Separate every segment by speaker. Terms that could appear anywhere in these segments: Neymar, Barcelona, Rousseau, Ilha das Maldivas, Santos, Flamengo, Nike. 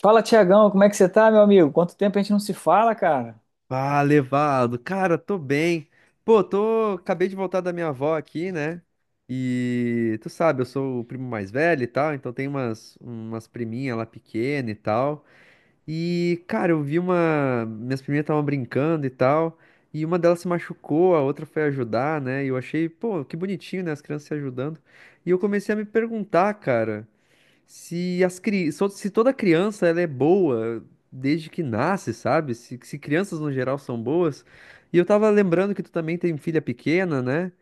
Speaker 1: Fala, Tiagão, como é que você tá, meu amigo? Quanto tempo a gente não se fala, cara?
Speaker 2: Ah, levado. Cara, tô bem. Pô, tô. Acabei de voltar da minha avó aqui, né? E tu sabe, eu sou o primo mais velho e tal, então tem umas priminhas lá pequena e tal. E, cara, eu vi uma. Minhas priminhas estavam brincando e tal. E uma delas se machucou, a outra foi ajudar, né? E eu achei, pô, que bonitinho, né? As crianças se ajudando. E eu comecei a me perguntar, cara. Se toda criança ela é boa desde que nasce, sabe? Se crianças no geral são boas. E eu tava lembrando que tu também tem filha pequena, né?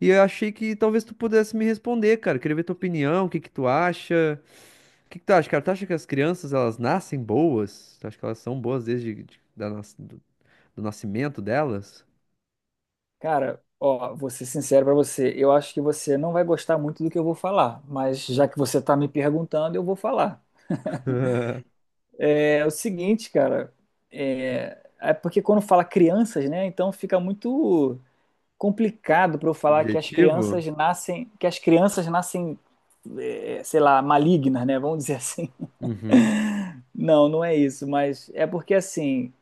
Speaker 2: E eu achei que talvez tu pudesse me responder, cara. Queria ver tua opinião, o que que tu acha? O que que tu acha, cara? Tu acha que as crianças elas nascem boas? Tu acha que elas são boas desde de- da nas- do, do nascimento delas?
Speaker 1: Cara, ó, vou ser sincero pra você, eu acho que você não vai gostar muito do que eu vou falar, mas já que você tá me perguntando, eu vou falar. É o seguinte, cara, é porque quando fala crianças, né, então fica muito complicado pra eu falar que as
Speaker 2: Subjetivo?
Speaker 1: crianças nascem, é, sei lá, malignas, né, vamos dizer assim.
Speaker 2: Uhum,
Speaker 1: Não, não é isso, mas é porque assim,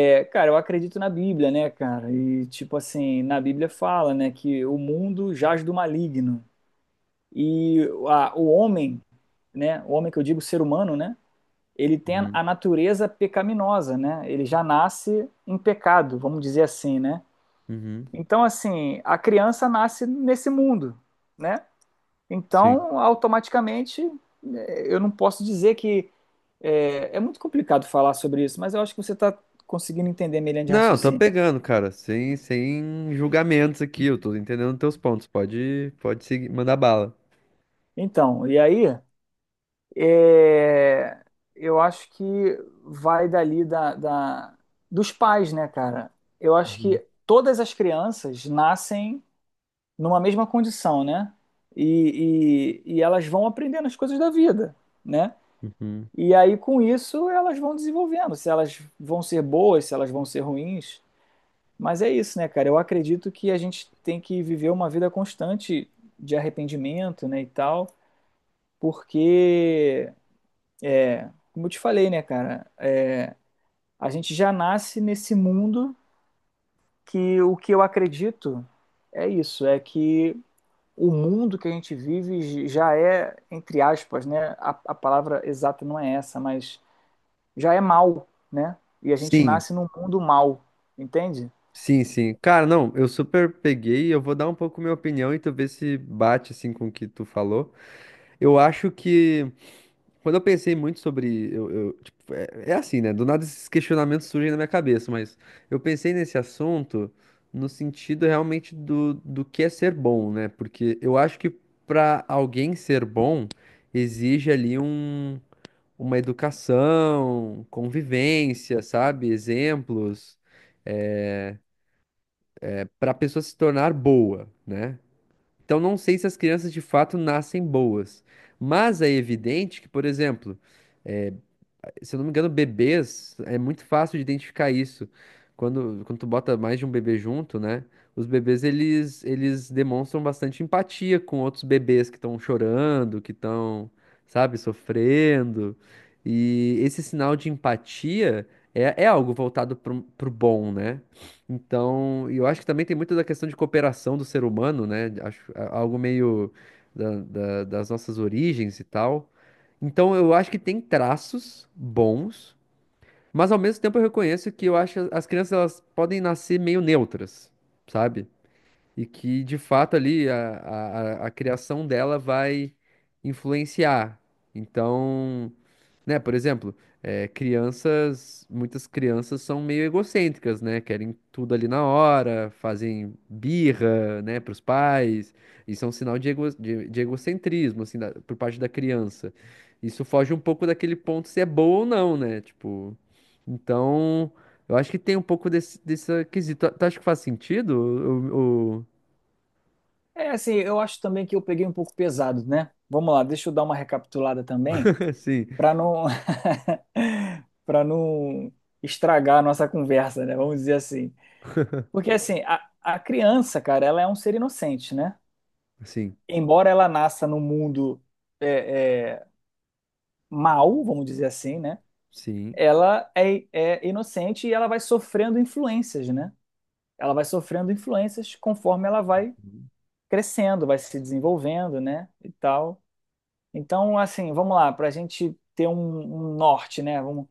Speaker 1: É, cara, eu acredito na Bíblia, né, cara? E tipo assim, na Bíblia fala, né, que o mundo jaz do maligno. E o homem, né, o homem, que eu digo ser humano, né, ele tem
Speaker 2: uhum,
Speaker 1: a natureza pecaminosa, né? Ele já nasce em pecado, vamos dizer assim, né?
Speaker 2: uhum.
Speaker 1: Então, assim, a criança nasce nesse mundo, né?
Speaker 2: Sim.
Speaker 1: Então, automaticamente, eu não posso dizer que é, é muito complicado falar sobre isso, mas eu acho que você está conseguindo entender minha linha de
Speaker 2: Não, tô
Speaker 1: raciocínio.
Speaker 2: pegando, cara, sem julgamentos aqui, eu tô entendendo teus pontos. Pode seguir, mandar bala.
Speaker 1: Então, e aí? É, eu acho que vai dali dos pais, né, cara? Eu acho
Speaker 2: Uhum,
Speaker 1: que todas as crianças nascem numa mesma condição, né? E elas vão aprendendo as coisas da vida, né?
Speaker 2: uhum.
Speaker 1: E aí, com isso, elas vão desenvolvendo, se elas vão ser boas, se elas vão ser ruins. Mas é isso, né, cara? Eu acredito que a gente tem que viver uma vida constante de arrependimento, né, e tal, porque, É, como eu te falei, né, cara, É, a gente já nasce nesse mundo, que o que eu acredito é isso, é que o mundo que a gente vive já é, entre aspas, né, a palavra exata não é essa, mas já é mal, né? E a gente
Speaker 2: Sim,
Speaker 1: nasce num mundo mal, entende?
Speaker 2: sim, sim. Cara, não, eu super peguei, eu vou dar um pouco minha opinião e tu vê se bate assim com o que tu falou. Eu acho que quando eu pensei muito sobre. Tipo, é, é assim, né? Do nada esses questionamentos surgem na minha cabeça, mas eu pensei nesse assunto no sentido realmente do que é ser bom, né? Porque eu acho que para alguém ser bom, exige ali um, uma educação, convivência, sabe? Exemplos, é, para a pessoa se tornar boa, né? Então não sei se as crianças de fato nascem boas, mas é evidente que, por exemplo. É, se eu não me engano, bebês, é muito fácil de identificar isso. Quando tu bota mais de um bebê junto, né? Os bebês, eles demonstram bastante empatia com outros bebês que estão chorando, que estão, sabe, sofrendo. E esse sinal de empatia é, é algo voltado pro bom, né? Então, e eu acho que também tem muito da questão de cooperação do ser humano, né? Acho algo meio das nossas origens e tal. Então eu acho que tem traços bons, mas ao mesmo tempo eu reconheço que eu acho que as crianças elas podem nascer meio neutras, sabe? E que de fato ali a criação dela vai influenciar. Então, né, por exemplo, crianças, muitas crianças são meio egocêntricas, né? Querem tudo ali na hora, fazem birra, né, para os pais. Isso é um sinal de ego, de egocentrismo, assim, por parte da criança. Isso foge um pouco daquele ponto se é boa ou não, né? Tipo, então, eu acho que tem um pouco desse quesito. Tu acha que faz sentido?
Speaker 1: É assim, eu acho também que eu peguei um pouco pesado, né? Vamos lá, deixa eu dar uma recapitulada também,
Speaker 2: Sim,
Speaker 1: para não para não estragar a nossa conversa, né? Vamos dizer assim. Porque assim, a criança, cara, ela é um ser inocente, né?
Speaker 2: sim,
Speaker 1: Embora ela nasça no mundo é, é, mau, vamos dizer assim, né?
Speaker 2: sim.
Speaker 1: Ela é inocente e ela vai sofrendo influências, né? Ela vai sofrendo influências conforme ela vai crescendo, vai se desenvolvendo, né? E tal. Então, assim, vamos lá, para a gente ter um, um norte, né? Vamos,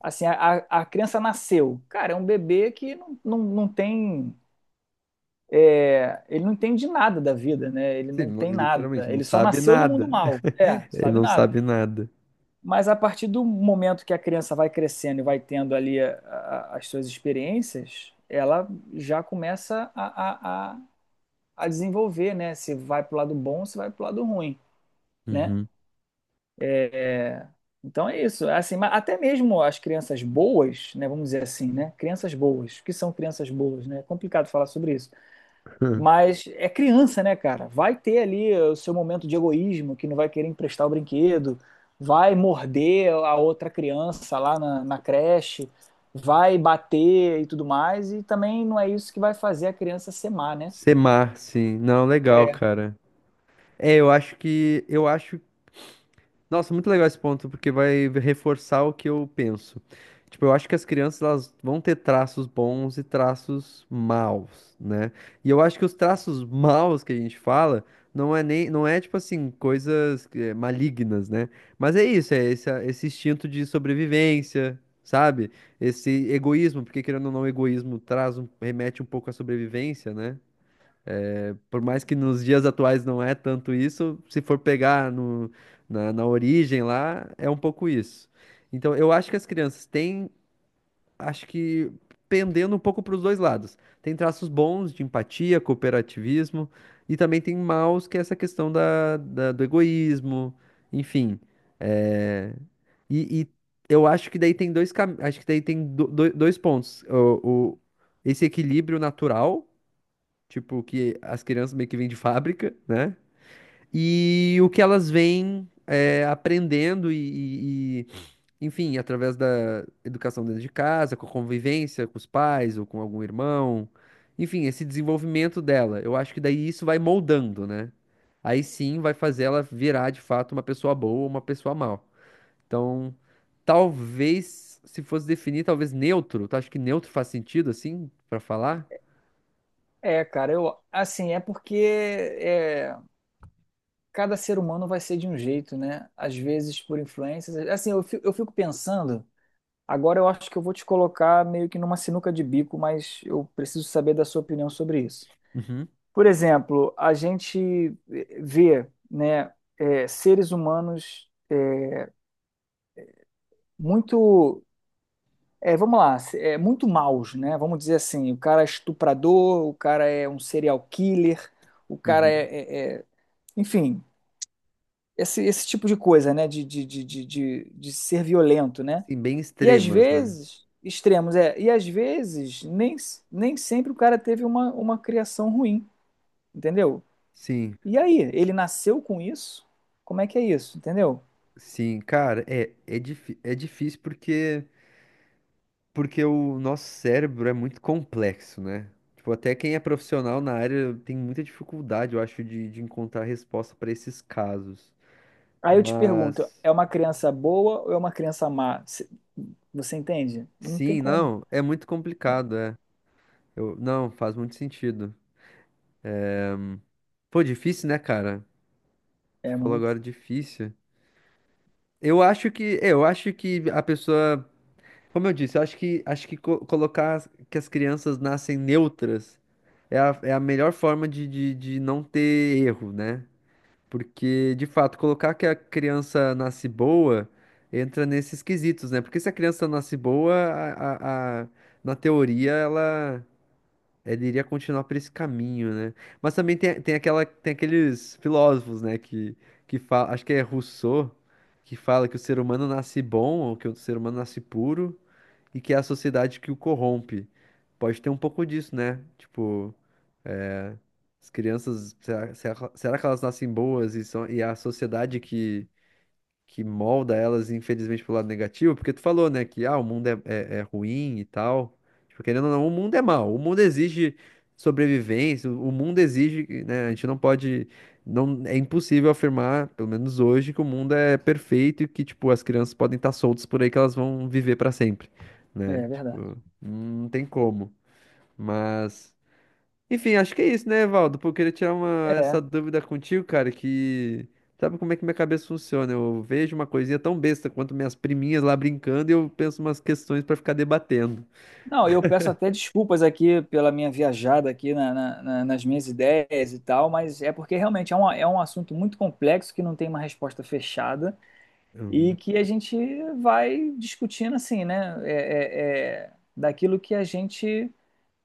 Speaker 1: assim, a criança nasceu. Cara, é um bebê que não tem. É, ele não entende nada da vida, né? Ele
Speaker 2: Sim,
Speaker 1: não
Speaker 2: não,
Speaker 1: tem nada.
Speaker 2: literalmente, não
Speaker 1: Ele só
Speaker 2: sabe
Speaker 1: nasceu no mundo
Speaker 2: nada.
Speaker 1: mal, é,
Speaker 2: Ele
Speaker 1: sabe
Speaker 2: não
Speaker 1: nada.
Speaker 2: sabe nada.
Speaker 1: Mas a partir do momento que a criança vai crescendo e vai tendo ali as suas experiências, ela já começa a desenvolver, né? Se vai pro lado bom, se vai pro lado ruim, né?
Speaker 2: Uhum.
Speaker 1: É, Então é isso. É Assim, mas até mesmo as crianças boas, né? Vamos dizer assim, né? Crianças boas. O que são crianças boas, né? É complicado falar sobre isso. Mas é criança, né, cara? Vai ter ali o seu momento de egoísmo, que não vai querer emprestar o brinquedo, vai morder a outra criança lá na creche, vai bater e tudo mais, e também não é isso que vai fazer a criança ser má, né?
Speaker 2: Sim. Não, legal,
Speaker 1: É,
Speaker 2: cara. É, eu acho. Nossa, muito legal esse ponto, porque vai reforçar o que eu penso. Tipo, eu acho que as crianças elas vão ter traços bons e traços maus, né? E eu acho que os traços maus que a gente fala não é nem, não é tipo assim, coisas malignas, né? Mas é isso, é esse instinto de sobrevivência, sabe? Esse egoísmo, porque querendo ou não, o egoísmo traz um, remete um pouco à sobrevivência, né? Por mais que nos dias atuais não é tanto isso, se for pegar no, na, na origem lá, é um pouco isso. Então, eu acho que as crianças têm, acho que pendendo um pouco para os dois lados. Tem traços bons de empatia, cooperativismo, e também tem maus, que é essa questão do egoísmo, enfim. É, e eu acho que daí tem acho que daí tem dois pontos. Esse equilíbrio natural. Tipo, que as crianças meio que vêm de fábrica, né? E o que elas vêm é aprendendo enfim, através da educação dentro de casa, com a convivência com os pais ou com algum irmão. Enfim, esse desenvolvimento dela. Eu acho que daí isso vai moldando, né? Aí sim vai fazer ela virar de fato uma pessoa boa ou uma pessoa mal. Então, talvez, se fosse definir, talvez neutro. Tu acha que neutro faz sentido assim, pra falar?
Speaker 1: é, cara, eu, assim, é porque é, cada ser humano vai ser de um jeito, né? Às vezes por influências. Assim, eu fico pensando, agora eu acho que eu vou te colocar meio que numa sinuca de bico, mas eu preciso saber da sua opinião sobre isso.
Speaker 2: Uhum,
Speaker 1: Por exemplo, a gente vê, né, é, seres humanos, é, muito, é, vamos lá, é, muito maus, né? Vamos dizer assim, o cara é estuprador, o cara é um serial killer, o cara é,
Speaker 2: uhum.
Speaker 1: enfim, esse tipo de coisa, né? De ser violento, né?
Speaker 2: Sim, bem
Speaker 1: E às
Speaker 2: extremas, né?
Speaker 1: vezes extremos, é, e às vezes nem, nem sempre o cara teve uma criação ruim, entendeu?
Speaker 2: Sim,
Speaker 1: E aí, ele nasceu com isso? Como é que é isso, entendeu?
Speaker 2: sim, cara, é difícil porque, porque o nosso cérebro é muito complexo, né? Tipo, até quem é profissional na área tem muita dificuldade, eu acho, de encontrar resposta para esses casos.
Speaker 1: Aí eu te pergunto,
Speaker 2: Mas,
Speaker 1: é uma criança boa ou é uma criança má? Você entende? Não tem
Speaker 2: sim,
Speaker 1: como.
Speaker 2: não, é muito complicado, é. Eu, não, faz muito sentido. Pô, difícil, né, cara? Tu
Speaker 1: É
Speaker 2: falou
Speaker 1: muito.
Speaker 2: agora difícil. Eu acho que, é, eu acho que a pessoa. Como eu disse, eu acho que colocar que as crianças nascem neutras é a, é a melhor forma de não ter erro, né? Porque, de fato, colocar que a criança nasce boa entra nesses quesitos, né? Porque se a criança nasce boa, na teoria, ela iria continuar por esse caminho, né? Mas também tem aqueles filósofos, né? Que fala, acho que é Rousseau, que fala que o ser humano nasce bom ou que o ser humano nasce puro e que é a sociedade que o corrompe. Pode ter um pouco disso, né? Tipo, é, as crianças, será que elas nascem boas e são, e é a sociedade que molda elas, infelizmente, pro lado negativo, porque tu falou, né, que ah, o mundo é ruim e tal. Tipo, querendo ou não, o mundo é mau, o mundo exige sobrevivência, o mundo exige, né, a gente não pode, não, é impossível afirmar, pelo menos hoje, que o mundo é perfeito e que, tipo, as crianças podem estar soltas por aí que elas vão viver para sempre, né?
Speaker 1: É verdade.
Speaker 2: Tipo, não tem como, mas... Enfim, acho que é isso, né, Evaldo? Pô, eu queria tirar uma, essa
Speaker 1: É.
Speaker 2: dúvida contigo, cara, que sabe como é que minha cabeça funciona? Eu vejo uma coisinha tão besta quanto minhas priminhas lá brincando e eu penso umas questões pra ficar debatendo.
Speaker 1: Não, eu peço até desculpas aqui pela minha viajada aqui nas minhas ideias e tal, mas é porque realmente é um assunto muito complexo que não tem uma resposta fechada e
Speaker 2: Uhum.
Speaker 1: que a gente vai discutindo assim, né? É daquilo que a gente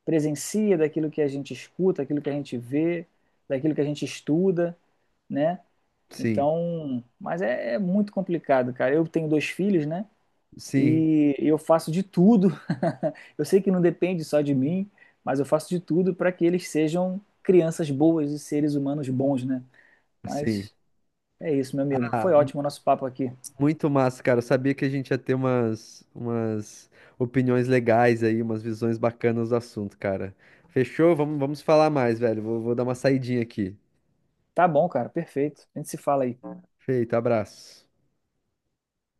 Speaker 1: presencia, daquilo que a gente escuta, daquilo que a gente vê, daquilo que a gente estuda, né?
Speaker 2: Sim,
Speaker 1: Então, mas é, é muito complicado, cara. Eu tenho dois filhos, né?
Speaker 2: sim,
Speaker 1: E eu faço de tudo. Eu sei que não depende só de mim, mas eu faço de tudo para que eles sejam crianças boas e seres humanos bons, né?
Speaker 2: sim.
Speaker 1: Mas é isso, meu amigo. Foi
Speaker 2: Ah,
Speaker 1: ótimo o nosso papo aqui.
Speaker 2: muito massa, cara. Eu sabia que a gente ia ter umas opiniões legais aí, umas visões bacanas do assunto, cara. Fechou? Vamos falar mais, velho. Vou dar uma saidinha aqui.
Speaker 1: Tá bom, cara. Perfeito. A gente se fala aí.
Speaker 2: Feito, abraço.